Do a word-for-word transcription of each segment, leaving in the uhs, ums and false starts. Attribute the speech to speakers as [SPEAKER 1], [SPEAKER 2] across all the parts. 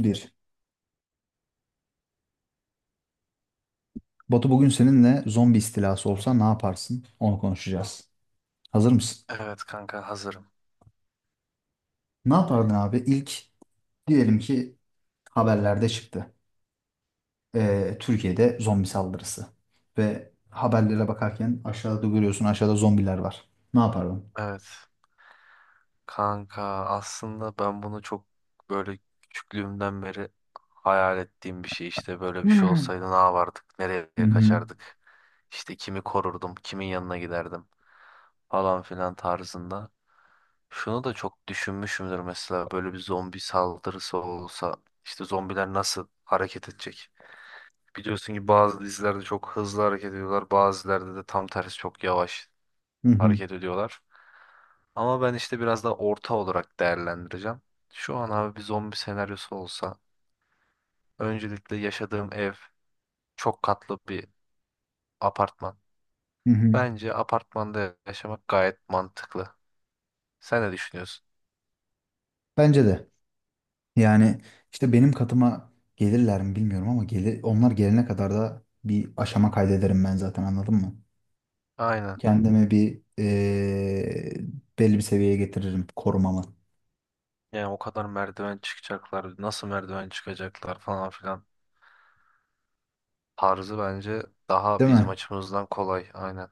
[SPEAKER 1] Bir. Batu bugün seninle zombi istilası olsa ne yaparsın? Onu konuşacağız. Hazır mısın?
[SPEAKER 2] Evet kanka hazırım.
[SPEAKER 1] Ne yapardın abi? İlk diyelim ki haberlerde çıktı. Ee, Türkiye'de zombi saldırısı. Ve haberlere bakarken aşağıda görüyorsun aşağıda zombiler var. Ne yapardın?
[SPEAKER 2] Evet. Kanka aslında ben bunu çok böyle küçüklüğümden beri hayal ettiğim bir şey, işte böyle bir şey
[SPEAKER 1] Hmm.
[SPEAKER 2] olsaydı ne yapardık, nereye
[SPEAKER 1] Hı hı.
[SPEAKER 2] kaçardık, işte kimi korurdum, kimin yanına giderdim falan filan tarzında. Şunu da çok düşünmüşümdür, mesela böyle bir zombi saldırısı olsa işte zombiler nasıl hareket edecek? Biliyorsun ki bazı dizilerde çok hızlı hareket ediyorlar, bazılarda da tam tersi çok yavaş
[SPEAKER 1] Hı hı.
[SPEAKER 2] hareket ediyorlar. Ama ben işte biraz daha orta olarak değerlendireceğim. Şu an abi bir zombi senaryosu olsa öncelikle yaşadığım ev çok katlı bir apartman.
[SPEAKER 1] Hı hı.
[SPEAKER 2] Bence apartmanda yaşamak gayet mantıklı. Sen ne düşünüyorsun?
[SPEAKER 1] Bence de. Yani işte benim katıma gelirler mi bilmiyorum ama gelir, onlar gelene kadar da bir aşama kaydederim ben zaten anladın mı?
[SPEAKER 2] Aynen.
[SPEAKER 1] Kendimi bir eee, belli bir seviyeye getiririm korumamı.
[SPEAKER 2] Yani o kadar merdiven çıkacaklar, nasıl merdiven çıkacaklar falan filan. Tarzı bence daha
[SPEAKER 1] Değil
[SPEAKER 2] bizim
[SPEAKER 1] mi?
[SPEAKER 2] açımızdan kolay. Aynen.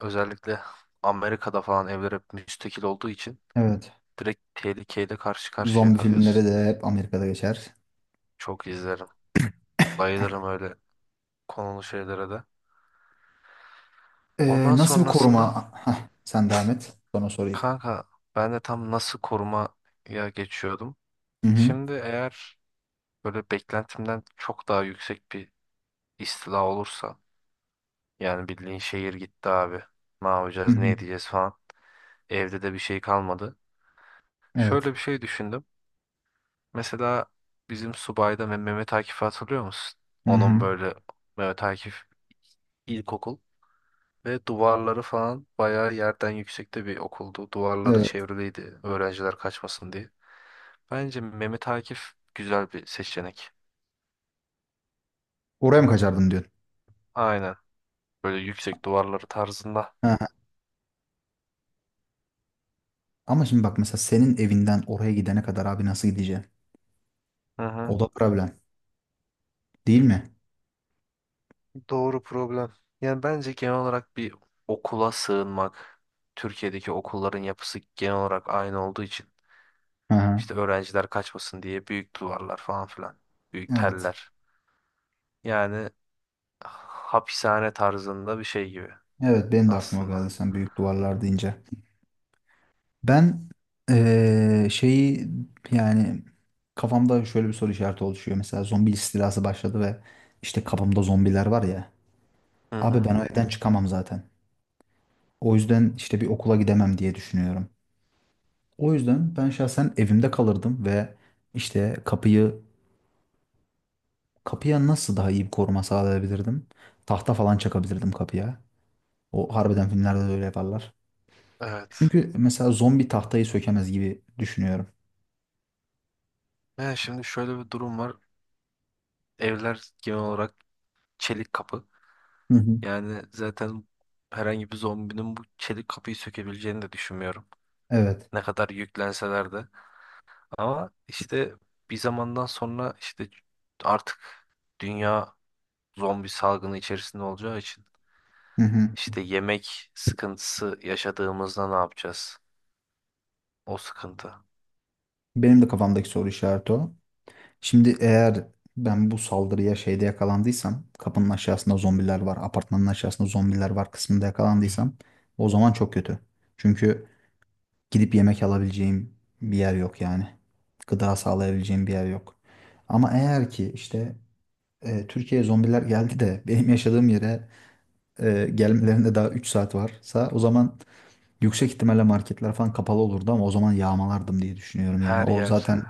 [SPEAKER 2] Özellikle Amerika'da falan evler hep müstakil olduğu için
[SPEAKER 1] Evet.
[SPEAKER 2] direkt tehlikeyle karşı karşıya
[SPEAKER 1] Zombi filmleri
[SPEAKER 2] kalıyorsun.
[SPEAKER 1] de hep Amerika'da geçer.
[SPEAKER 2] Çok izlerim. Bayılırım öyle konulu şeylere de.
[SPEAKER 1] Eee,
[SPEAKER 2] Ondan
[SPEAKER 1] nasıl bir
[SPEAKER 2] sonrasında
[SPEAKER 1] koruma? Hah, sen devam et. Sonra sorayım.
[SPEAKER 2] kanka ben de tam nasıl korumaya geçiyordum.
[SPEAKER 1] Hı hı.
[SPEAKER 2] Şimdi eğer böyle beklentimden çok daha yüksek bir istila olursa yani bildiğin şehir gitti abi. Ne
[SPEAKER 1] Hı
[SPEAKER 2] yapacağız, ne
[SPEAKER 1] hı.
[SPEAKER 2] edeceğiz falan. Evde de bir şey kalmadı. Şöyle
[SPEAKER 1] Evet.
[SPEAKER 2] bir şey düşündüm. Mesela bizim subayda Meh- Mehmet Akif'i hatırlıyor musun?
[SPEAKER 1] Hı
[SPEAKER 2] Onun
[SPEAKER 1] hı.
[SPEAKER 2] böyle Mehmet Akif ilkokul. Ve duvarları falan bayağı yerden yüksekte bir okuldu. Duvarları
[SPEAKER 1] Evet.
[SPEAKER 2] çevriliydi öğrenciler kaçmasın diye. Bence Mehmet Akif güzel bir seçenek.
[SPEAKER 1] Oraya mı kaçardın diyorsun?
[SPEAKER 2] Aynen. Böyle yüksek duvarları tarzında.
[SPEAKER 1] Hı hı. Ama şimdi bak mesela senin evinden oraya gidene kadar abi nasıl gideceğim?
[SPEAKER 2] Hı
[SPEAKER 1] O
[SPEAKER 2] hı.
[SPEAKER 1] da problem. Değil mi?
[SPEAKER 2] Doğru problem. Yani bence genel olarak bir okula sığınmak. Türkiye'deki okulların yapısı genel olarak aynı olduğu için
[SPEAKER 1] Hı hı.
[SPEAKER 2] işte öğrenciler kaçmasın diye büyük duvarlar falan filan. Büyük
[SPEAKER 1] Evet.
[SPEAKER 2] teller. Yani hapishane tarzında bir şey gibi
[SPEAKER 1] Evet benim de aklıma o geldi
[SPEAKER 2] aslında.
[SPEAKER 1] sen büyük duvarlar deyince. Ben eee, şeyi yani kafamda şöyle bir soru işareti oluşuyor. Mesela zombi istilası başladı ve işte kafamda zombiler var ya.
[SPEAKER 2] Hı
[SPEAKER 1] Abi
[SPEAKER 2] hı.
[SPEAKER 1] ben o evden çıkamam zaten. O yüzden işte bir okula gidemem diye düşünüyorum. O yüzden ben şahsen evimde kalırdım ve işte kapıyı kapıya nasıl daha iyi bir koruma sağlayabilirdim? Tahta falan çakabilirdim kapıya. O harbiden filmlerde de öyle yaparlar.
[SPEAKER 2] Evet.
[SPEAKER 1] Çünkü mesela zombi tahtayı sökemez gibi düşünüyorum.
[SPEAKER 2] Yani şimdi şöyle bir durum var. Evler genel olarak çelik kapı.
[SPEAKER 1] Hı hı.
[SPEAKER 2] Yani zaten herhangi bir zombinin bu çelik kapıyı sökebileceğini de düşünmüyorum.
[SPEAKER 1] Evet.
[SPEAKER 2] Ne kadar yüklenseler de. Ama işte bir zamandan sonra işte artık dünya zombi salgını içerisinde olacağı için
[SPEAKER 1] Hı hı.
[SPEAKER 2] işte yemek sıkıntısı yaşadığımızda ne yapacağız? O sıkıntı.
[SPEAKER 1] Benim de kafamdaki soru işareti o. Şimdi eğer ben bu saldırıya şeyde yakalandıysam, kapının aşağısında zombiler var, apartmanın aşağısında zombiler var kısmında yakalandıysam o zaman çok kötü. Çünkü gidip yemek alabileceğim bir yer yok yani. Gıda sağlayabileceğim bir yer yok. Ama eğer ki işte e, Türkiye'ye zombiler geldi de benim yaşadığım yere e, gelmelerinde daha üç saat varsa o zaman yüksek ihtimalle marketler falan kapalı olurdu ama o zaman yağmalardım diye düşünüyorum. Yani
[SPEAKER 2] Her
[SPEAKER 1] o
[SPEAKER 2] yer,
[SPEAKER 1] zaten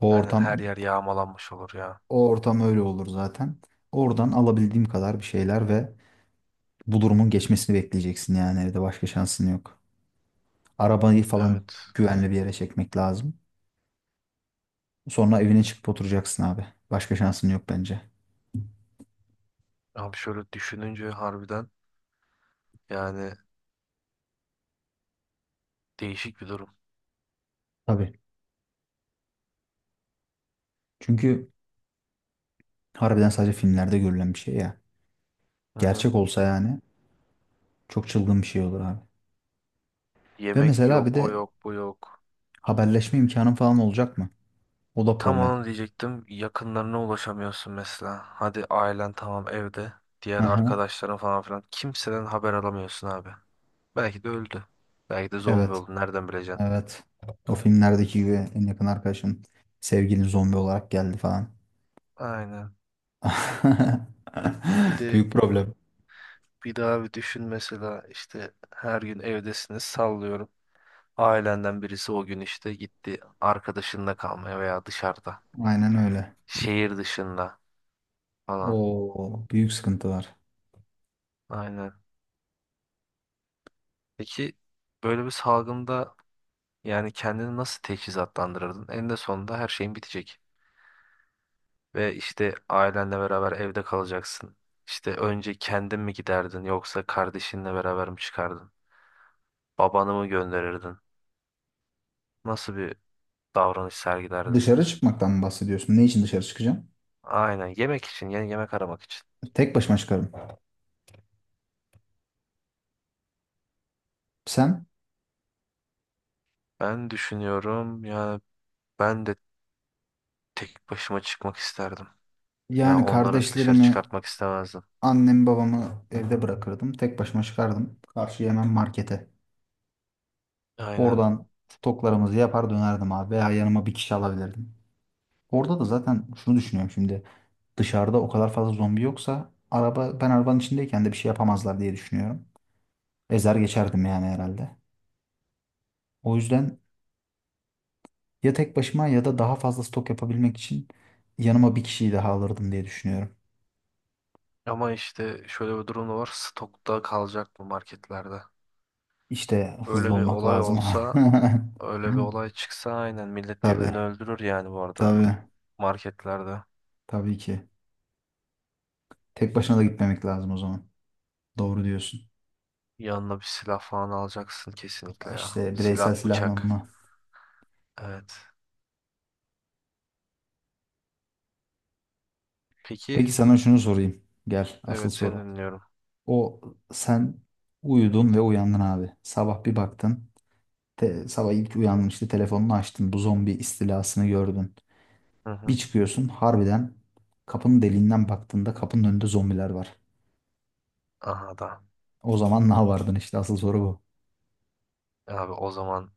[SPEAKER 1] o
[SPEAKER 2] aynen her
[SPEAKER 1] ortam
[SPEAKER 2] yer yağmalanmış olur ya.
[SPEAKER 1] O ortam öyle olur zaten. Oradan alabildiğim kadar bir şeyler ve bu durumun geçmesini bekleyeceksin yani evde başka şansın yok. Arabayı falan
[SPEAKER 2] Evet.
[SPEAKER 1] güvenli bir yere çekmek lazım. Sonra evine çıkıp oturacaksın abi. Başka şansın yok bence.
[SPEAKER 2] Abi şöyle düşününce harbiden yani değişik bir durum.
[SPEAKER 1] Tabii. Çünkü harbiden sadece filmlerde görülen bir şey ya.
[SPEAKER 2] Hı hı.
[SPEAKER 1] Gerçek olsa yani çok çılgın bir şey olur abi. Ve
[SPEAKER 2] Yemek
[SPEAKER 1] mesela
[SPEAKER 2] yok,
[SPEAKER 1] bir
[SPEAKER 2] o
[SPEAKER 1] de
[SPEAKER 2] yok, bu yok.
[SPEAKER 1] haberleşme imkanın falan olacak mı? O da
[SPEAKER 2] Tam
[SPEAKER 1] problem.
[SPEAKER 2] onu diyecektim. Yakınlarına ulaşamıyorsun mesela. Hadi ailen tamam evde.
[SPEAKER 1] Hı
[SPEAKER 2] Diğer
[SPEAKER 1] hı.
[SPEAKER 2] arkadaşların falan filan. Kimseden haber alamıyorsun abi. Belki de öldü. Belki de zombi
[SPEAKER 1] Evet.
[SPEAKER 2] oldu. Nereden bileceksin?
[SPEAKER 1] Evet. O filmlerdeki gibi en yakın arkadaşın sevgilin zombi olarak geldi falan.
[SPEAKER 2] Aynen. Bir de
[SPEAKER 1] Büyük problem.
[SPEAKER 2] bir daha bir düşün, mesela işte her gün evdesiniz sallıyorum. Ailenden birisi o gün işte gitti arkadaşında kalmaya veya dışarıda.
[SPEAKER 1] Aynen öyle.
[SPEAKER 2] Şehir dışında falan.
[SPEAKER 1] Oo, büyük sıkıntılar.
[SPEAKER 2] Aynen. Peki böyle bir salgında yani kendini nasıl teçhizatlandırırdın? En de sonunda her şeyin bitecek. Ve işte ailenle beraber evde kalacaksın. İşte önce kendin mi giderdin yoksa kardeşinle beraber mi çıkardın? Babanı mı gönderirdin? Nasıl bir davranış sergilerdin?
[SPEAKER 1] Dışarı çıkmaktan mı bahsediyorsun? Ne için dışarı çıkacağım?
[SPEAKER 2] Aynen, yemek için, yeni yemek aramak için.
[SPEAKER 1] Tek başıma çıkarım. Sen?
[SPEAKER 2] Ben düşünüyorum yani ben de tek başıma çıkmak isterdim. Ya
[SPEAKER 1] Yani
[SPEAKER 2] onları dışarı
[SPEAKER 1] kardeşlerimi,
[SPEAKER 2] çıkartmak istemezdim.
[SPEAKER 1] annemi, babamı evde bırakırdım. Tek başıma çıkardım. Karşıya hemen markete.
[SPEAKER 2] Aynen.
[SPEAKER 1] Oradan stoklarımızı yapar dönerdim abi. Veya yanıma bir kişi alabilirdim. Orada da zaten şunu düşünüyorum şimdi. Dışarıda o kadar fazla zombi yoksa araba ben arabanın içindeyken de bir şey yapamazlar diye düşünüyorum. Ezer geçerdim yani herhalde. O yüzden ya tek başıma ya da daha fazla stok yapabilmek için yanıma bir kişiyi daha alırdım diye düşünüyorum.
[SPEAKER 2] Ama işte şöyle bir durum da var. Stokta kalacak bu marketlerde.
[SPEAKER 1] İşte hızlı
[SPEAKER 2] Öyle bir
[SPEAKER 1] olmak
[SPEAKER 2] olay
[SPEAKER 1] lazım.
[SPEAKER 2] olsa, öyle bir olay çıksa aynen millet
[SPEAKER 1] Tabii,
[SPEAKER 2] birbirini öldürür yani bu arada
[SPEAKER 1] tabii,
[SPEAKER 2] marketlerde.
[SPEAKER 1] tabii ki. Tek başına da gitmemek lazım o zaman. Doğru diyorsun.
[SPEAKER 2] Yanına bir silah falan alacaksın kesinlikle ya.
[SPEAKER 1] İşte bireysel
[SPEAKER 2] Silah, bıçak.
[SPEAKER 1] silahlanma.
[SPEAKER 2] Evet. Peki,
[SPEAKER 1] Peki sana şunu sorayım. Gel, asıl
[SPEAKER 2] evet, seni
[SPEAKER 1] soru.
[SPEAKER 2] dinliyorum.
[SPEAKER 1] O sen uyudun ve uyandın abi. Sabah bir baktın. Te- sabah ilk uyandın işte telefonunu açtın. Bu zombi istilasını gördün.
[SPEAKER 2] Hı
[SPEAKER 1] Bir
[SPEAKER 2] hı.
[SPEAKER 1] çıkıyorsun harbiden kapının deliğinden baktığında kapının önünde zombiler var.
[SPEAKER 2] Aha da.
[SPEAKER 1] O zaman ne yapardın işte asıl soru bu.
[SPEAKER 2] Abi o zaman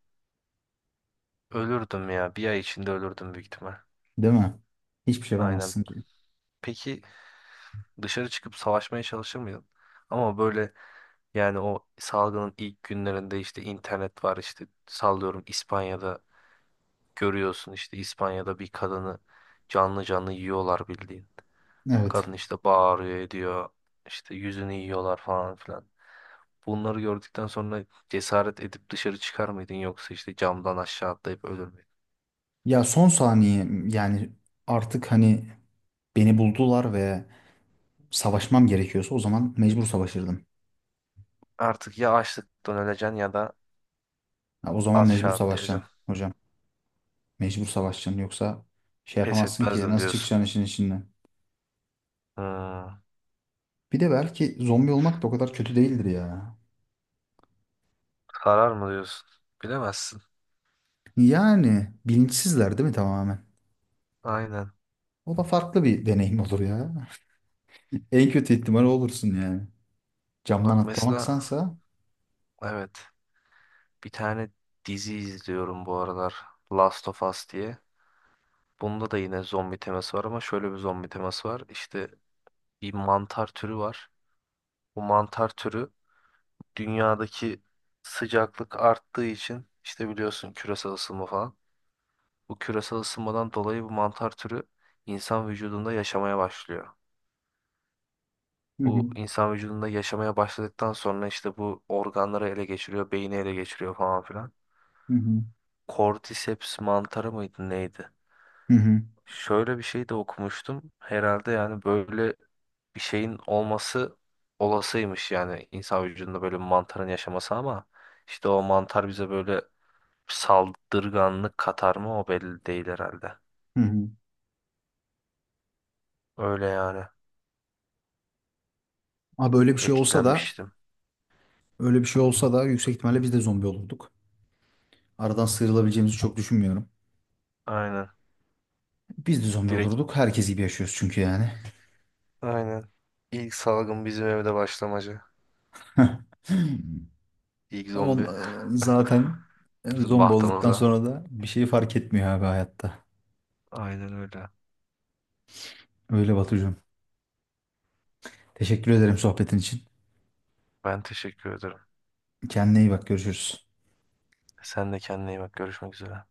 [SPEAKER 2] ölürdüm ya. Bir ay içinde ölürdüm büyük ihtimal.
[SPEAKER 1] Değil mi? Hiçbir şey
[SPEAKER 2] Aynen.
[SPEAKER 1] yapamazsın ki.
[SPEAKER 2] Peki dışarı çıkıp savaşmaya çalışır mıydın? Ama böyle, yani o salgının ilk günlerinde işte internet var, işte sallıyorum İspanya'da, görüyorsun işte İspanya'da bir kadını canlı canlı yiyorlar bildiğin.
[SPEAKER 1] Evet.
[SPEAKER 2] Kadın işte bağırıyor ediyor. İşte yüzünü yiyorlar falan filan. Bunları gördükten sonra cesaret edip dışarı çıkar mıydın yoksa işte camdan aşağı atlayıp ölür müydün?
[SPEAKER 1] Ya son saniye yani artık hani beni buldular ve savaşmam gerekiyorsa o zaman mecbur savaşırdım.
[SPEAKER 2] Artık ya açlıktan öleceksin ya da
[SPEAKER 1] Ya o zaman mecbur
[SPEAKER 2] aşağı
[SPEAKER 1] savaşacaksın
[SPEAKER 2] atlayacaksın.
[SPEAKER 1] hocam. Mecbur savaşacaksın yoksa şey
[SPEAKER 2] Pes
[SPEAKER 1] yapamazsın ki
[SPEAKER 2] etmezdim
[SPEAKER 1] nasıl
[SPEAKER 2] diyorsun.
[SPEAKER 1] çıkacaksın işin içinden.
[SPEAKER 2] Hmm.
[SPEAKER 1] Bir de belki zombi olmak da o kadar kötü değildir ya.
[SPEAKER 2] Karar mı diyorsun? Bilemezsin.
[SPEAKER 1] Yani bilinçsizler değil mi tamamen?
[SPEAKER 2] Aynen.
[SPEAKER 1] O da farklı bir deneyim olur ya. En kötü ihtimal olursun yani. Camdan
[SPEAKER 2] Bak mesela,
[SPEAKER 1] atlamaksansa.
[SPEAKER 2] evet, bir tane dizi izliyorum bu aralar. Last of Us diye. Bunda da yine zombi teması var ama şöyle bir zombi teması var. İşte bir mantar türü var. Bu mantar türü dünyadaki sıcaklık arttığı için, işte biliyorsun, küresel ısınma falan. Bu küresel ısınmadan dolayı bu mantar türü insan vücudunda yaşamaya başlıyor.
[SPEAKER 1] Hı
[SPEAKER 2] Bu
[SPEAKER 1] hı.
[SPEAKER 2] insan vücudunda yaşamaya başladıktan sonra işte bu organları ele geçiriyor, beyni ele geçiriyor falan filan.
[SPEAKER 1] Hı hı.
[SPEAKER 2] Cordyceps mantarı mıydı neydi?
[SPEAKER 1] Hı hı.
[SPEAKER 2] Şöyle bir şey de okumuştum. Herhalde yani böyle bir şeyin olması olasıymış, yani insan vücudunda böyle bir mantarın yaşaması, ama işte o mantar bize böyle saldırganlık katar mı o belli değil herhalde.
[SPEAKER 1] Hı hı.
[SPEAKER 2] Öyle yani,
[SPEAKER 1] Ha böyle bir şey olsa da
[SPEAKER 2] etkilenmiştim.
[SPEAKER 1] öyle bir şey olsa da yüksek ihtimalle biz de zombi olurduk. Aradan sıyrılabileceğimizi çok düşünmüyorum.
[SPEAKER 2] Aynen.
[SPEAKER 1] Biz de zombi
[SPEAKER 2] Direkt
[SPEAKER 1] olurduk. Herkes gibi yaşıyoruz çünkü yani.
[SPEAKER 2] aynen. İlk salgın bizim evde başlamacı. İlk
[SPEAKER 1] Ama on-
[SPEAKER 2] zombi
[SPEAKER 1] e, zaten e,
[SPEAKER 2] bizim
[SPEAKER 1] zombi olduktan
[SPEAKER 2] bahtamıza.
[SPEAKER 1] sonra da bir şey fark etmiyor abi hayatta.
[SPEAKER 2] Aynen öyle.
[SPEAKER 1] Öyle Batucuğum. Teşekkür ederim sohbetin için.
[SPEAKER 2] Ben teşekkür ederim.
[SPEAKER 1] Kendine iyi bak görüşürüz.
[SPEAKER 2] Sen de kendine iyi bak. Görüşmek üzere.